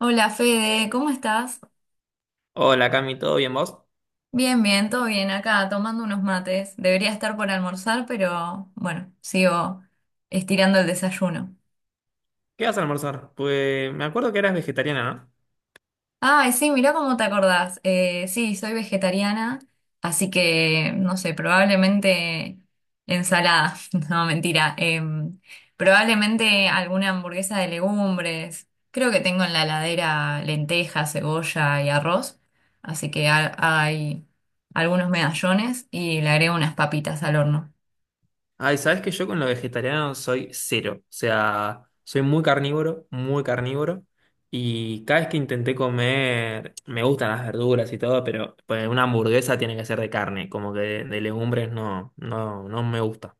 Hola Fede, ¿cómo estás? Hola Cami, ¿todo bien vos? Bien, bien, todo bien acá, tomando unos mates. Debería estar por almorzar, pero bueno, sigo estirando el desayuno. ¿Qué vas a almorzar? Pues me acuerdo que eras vegetariana, ¿no? Ay, sí, mirá cómo te acordás. Sí, soy vegetariana, así que, no sé, probablemente ensalada. No, mentira. Probablemente alguna hamburguesa de legumbres. Creo que tengo en la heladera lentejas, cebolla y arroz. Así que hay algunos medallones y le agrego unas papitas al horno. Ay, sabes que yo con lo vegetariano soy cero. O sea, soy muy carnívoro, muy carnívoro. Y cada vez que intenté comer, me gustan las verduras y todo, pero pues, una hamburguesa tiene que ser de carne, como que de legumbres no, no, no me gusta.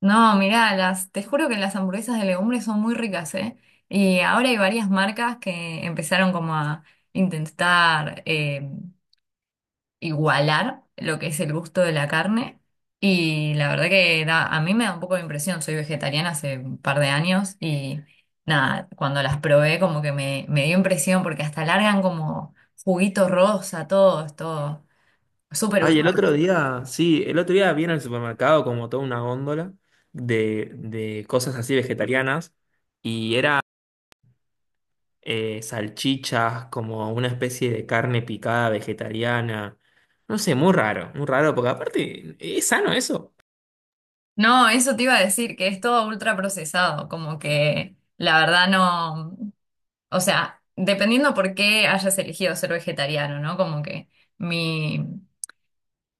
No, mirá, las, te juro que las hamburguesas de legumbres son muy ricas, ¿eh? Y ahora hay varias marcas que empezaron como a intentar igualar lo que es el gusto de la carne. Y la verdad que a mí me da un poco de impresión, soy vegetariana hace un par de años y nada, cuando las probé como que me dio impresión porque hasta largan como juguito rosa, todo, es todo súper Ay, el ultra. otro día, sí, el otro día vi en el supermercado como toda una góndola de cosas así vegetarianas. Y era salchichas, como una especie de carne picada vegetariana. No sé, muy raro, porque aparte, ¿es sano eso? No, eso te iba a decir, que es todo ultra procesado, como que la verdad no, o sea, dependiendo por qué hayas elegido ser vegetariano, ¿no? Como que mi,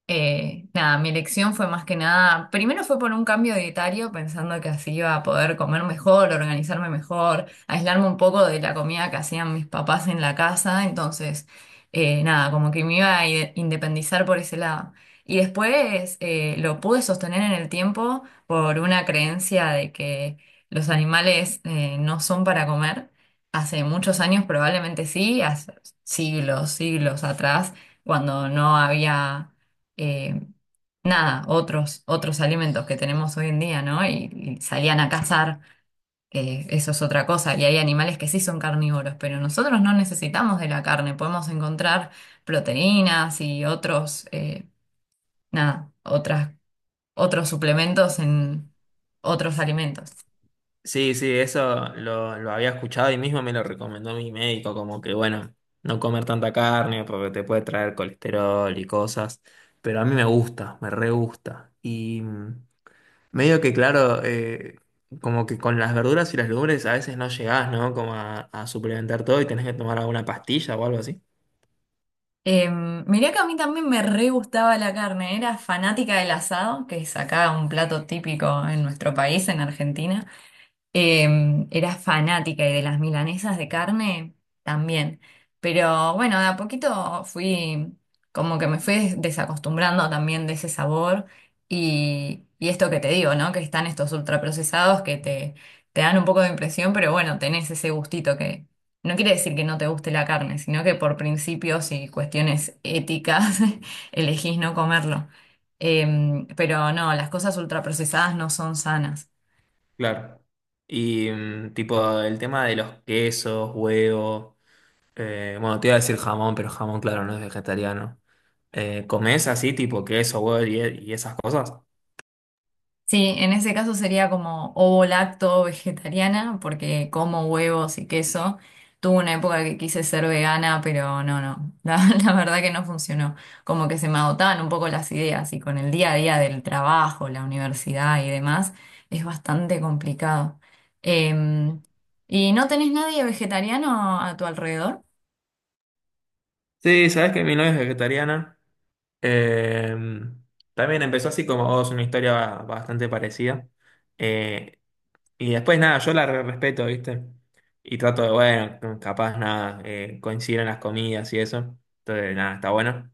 nada, mi elección fue más que nada, primero fue por un cambio dietario, pensando que así iba a poder comer mejor, organizarme mejor, aislarme un poco de la comida que hacían mis papás en la casa, entonces, nada, como que me iba a independizar por ese lado. Y después lo pude sostener en el tiempo por una creencia de que los animales no son para comer. Hace muchos años probablemente sí, hace siglos, siglos atrás, cuando no había eh, nada, otros, otros alimentos que tenemos hoy en día, ¿no? Y salían a cazar, eso es otra cosa. Y hay animales que sí son carnívoros, pero nosotros no necesitamos de la carne, podemos encontrar proteínas y otros, nada, otras, otros suplementos en otros alimentos. Sí, sí, eso lo había escuchado y mismo me lo recomendó mi médico, como que bueno, no comer tanta carne porque te puede traer colesterol y cosas, pero a mí me gusta, me re gusta. Y medio que claro, como que con las verduras y las legumbres a veces no llegás, ¿no? Como a suplementar todo y tenés que tomar alguna pastilla o algo así. Mirá que a mí también me re gustaba la carne, era fanática del asado, que es acá un plato típico en nuestro país, en Argentina. Era fanática y de las milanesas de carne también. Pero bueno, de a poquito fui, como que me fui desacostumbrando también de ese sabor y esto que te digo, ¿no? Que están estos ultraprocesados que te dan un poco de impresión, pero bueno, tenés ese gustito que no quiere decir que no te guste la carne, sino que por principios y cuestiones éticas elegís no comerlo. Pero no, las cosas ultraprocesadas no son sanas. Claro. Y mm, tipo el tema de los quesos, huevos, bueno, te iba a decir jamón, pero jamón, claro, no es vegetariano. ¿Comés así, tipo queso, huevo y esas cosas? Sí, en ese caso sería como ovo lacto vegetariana, porque como huevos y queso. Tuve una época que quise ser vegana, pero no, no, la, la verdad que no funcionó. Como que se me agotaban un poco las ideas y con el día a día del trabajo, la universidad y demás, es bastante complicado. Em, ¿Y no tenés nadie vegetariano a tu alrededor? Sí, sabes que mi novia es vegetariana. Eh, también empezó así como vos, una historia bastante parecida. Y después nada, yo la respeto, ¿viste? Y trato de, bueno, no, capaz nada, coinciden las comidas y eso. Entonces, nada, está bueno.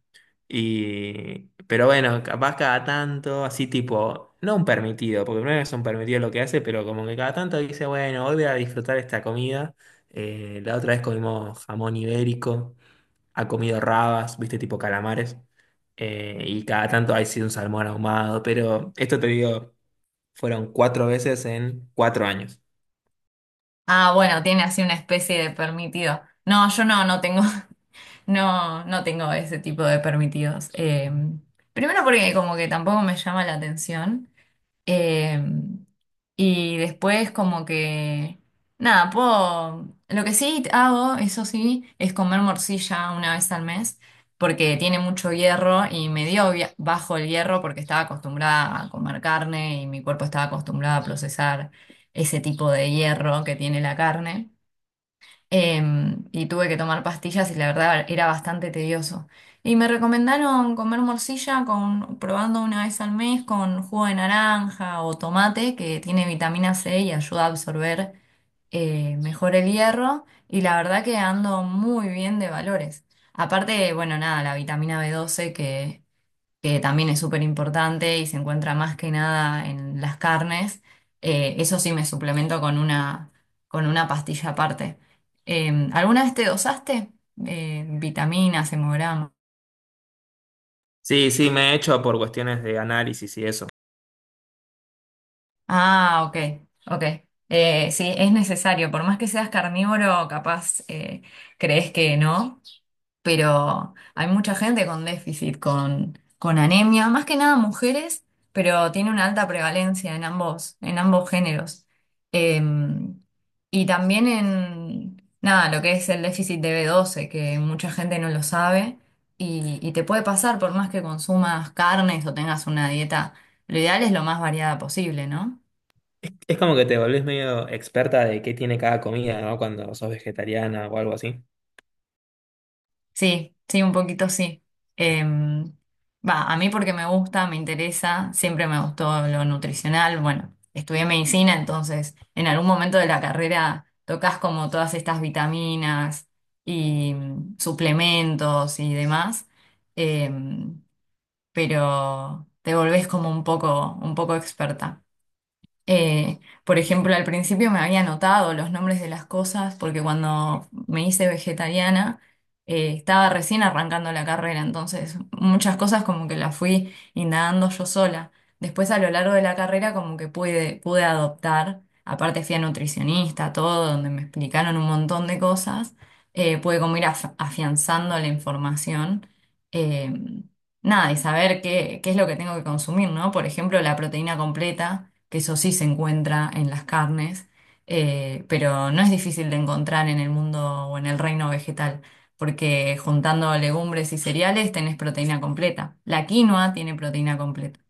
Y, pero bueno, capaz cada tanto, así tipo, no un permitido, porque no es un permitido lo que hace, pero como que cada tanto dice, bueno, hoy voy a disfrutar esta comida. La otra vez comimos jamón ibérico, ha comido rabas, ¿viste? Tipo calamares. Y cada tanto ha sido un salmón ahumado, pero esto te digo, fueron cuatro veces en cuatro años. Ah, bueno, tiene así una especie de permitido. No, yo no, no tengo. No, no tengo ese tipo de permitidos. Primero porque como que tampoco me llama la atención. Eh, y después como que, nada, puedo... Lo que sí hago, eso sí, es comer morcilla una vez al mes, porque tiene mucho hierro y me dio bajo el hierro porque estaba acostumbrada a comer carne y mi cuerpo estaba acostumbrado a procesar ese tipo de hierro que tiene la carne, y tuve que tomar pastillas y la verdad era bastante tedioso. Y me recomendaron comer morcilla con, probando una vez al mes con jugo de naranja o tomate que tiene vitamina C y ayuda a absorber mejor el hierro y la verdad que ando muy bien de valores. Aparte, bueno, nada, la vitamina B12 que también es súper importante y se encuentra más que nada en las carnes, eso sí me suplemento con una pastilla aparte. ¿Alguna vez te dosaste? Vitaminas, hemogramas. Sí, sí, me he hecho por cuestiones de análisis y eso. Ah, ok, ok. Sí, es necesario, por más que seas carnívoro, capaz crees que no, pero hay mucha gente con déficit, con anemia, más que nada mujeres, pero tiene una alta prevalencia en ambos géneros. Eh, y también en, nada, lo que es el déficit de B12, que mucha gente no lo sabe y te puede pasar por más que consumas carnes o tengas una dieta, lo ideal es lo más variada posible, ¿no? Es como que te volvés medio experta de qué tiene cada comida, ¿no? Cuando sos vegetariana o algo así. Sí, sí, un poquito sí. Em, Va, a mí porque me gusta, me interesa, siempre me gustó lo nutricional. Bueno, estudié medicina, entonces en algún momento de la carrera tocas como todas estas vitaminas y mm, suplementos y demás, em, pero te volvés como un poco experta. Por ejemplo, al principio me había anotado los nombres de las cosas porque cuando me hice vegetariana estaba recién arrancando la carrera, entonces muchas cosas como que las fui indagando yo sola. Después a lo largo de la carrera como que pude, pude adoptar, aparte fui a nutricionista, todo, donde me explicaron un montón de cosas, pude como ir afianzando la información. eh, Nada, y saber qué, qué es lo que tengo que consumir, ¿no? Por ejemplo, la proteína completa, que eso sí se encuentra en las carnes, pero no es difícil de encontrar en el mundo o en el reino vegetal, porque juntando legumbres y cereales tenés proteína completa. La quinoa tiene proteína completa.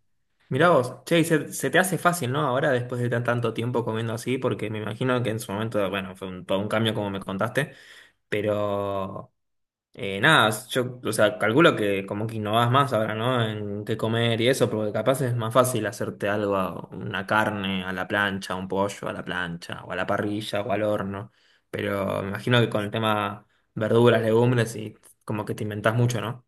Mirá vos, che, y se te hace fácil, ¿no? Ahora después de tanto tiempo comiendo así, porque me imagino que en su momento, bueno, fue un, todo un cambio como me contaste, pero nada, yo, o sea, calculo que como que innovás más ahora, ¿no? En qué comer y eso, porque capaz es más fácil hacerte algo, una carne a la plancha, un pollo a la plancha, o a la parrilla, o al horno. Pero me imagino que con el tema verduras, legumbres, y como que te inventás mucho, ¿no?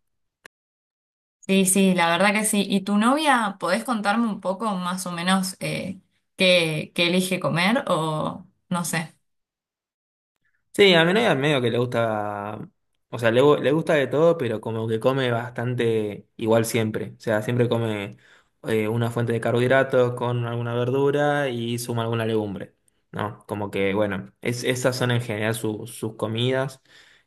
Sí, sí, la verdad que sí. ¿Y tu novia, podés contarme un poco más o menos qué, qué elige comer o no sé? Sí, a mi novia medio que le gusta, o sea, le gusta de todo, pero como que come bastante igual siempre. O sea, siempre come una fuente de carbohidratos con alguna verdura y suma alguna legumbre, ¿no? Como que, bueno, es, esas son en general sus comidas.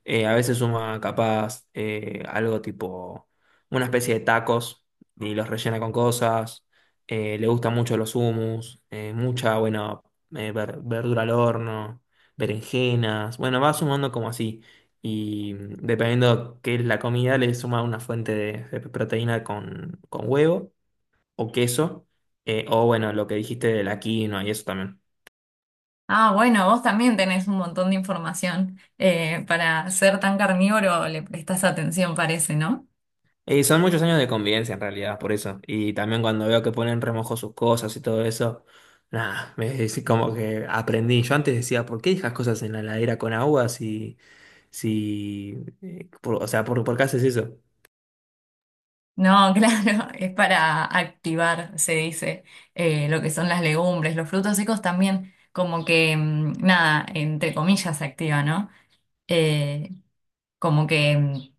A veces suma capaz algo tipo una especie de tacos y los rellena con cosas. Le gustan mucho los hummus, mucha, bueno, verdura al horno berenjenas, bueno, va sumando como así. Y mm, dependiendo qué es la comida, le suma una fuente de proteína con huevo o queso, o bueno, lo que dijiste de la quinoa y eso también. Ah, bueno, vos también tenés un montón de información. Para ser tan carnívoro le prestás atención, parece, ¿no? Y son muchos años de convivencia en realidad, por eso. Y también cuando veo que ponen remojo sus cosas y todo eso, nada, me es como que aprendí. Yo antes decía, ¿por qué dejas cosas en la heladera con agua si, si, por- o sea, por qué haces eso? No, claro, es para activar, se dice, lo que son las legumbres, los frutos secos también, como que, mm, nada, entre comillas se activa, ¿no? Eh, Como que mm,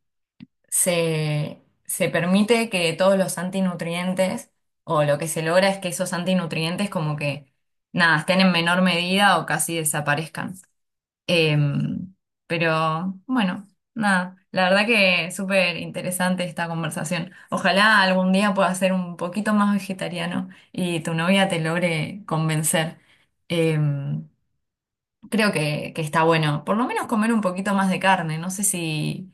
se permite que todos los antinutrientes, o lo que se logra es que esos antinutrientes como que, nada, estén en menor medida o casi desaparezcan. Em, pero bueno, nada, la verdad que súper interesante esta conversación. Ojalá algún día puedas ser un poquito más vegetariano y tu novia te logre convencer. Em, Creo que está bueno, por lo menos comer un poquito más de carne. No sé si,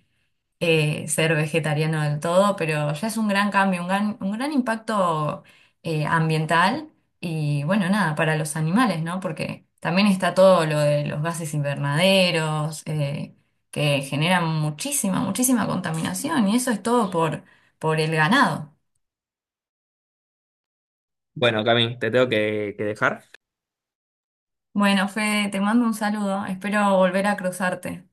ser vegetariano del todo, pero ya es un gran cambio, un gran impacto ambiental y bueno, nada, para los animales, ¿no? Porque también está todo lo de los gases invernaderos, que generan muchísima, muchísima contaminación y eso es todo por el ganado. Bueno, Cami, te tengo que dejar. Bueno, Fede, te mando un saludo, espero volver a cruzarte.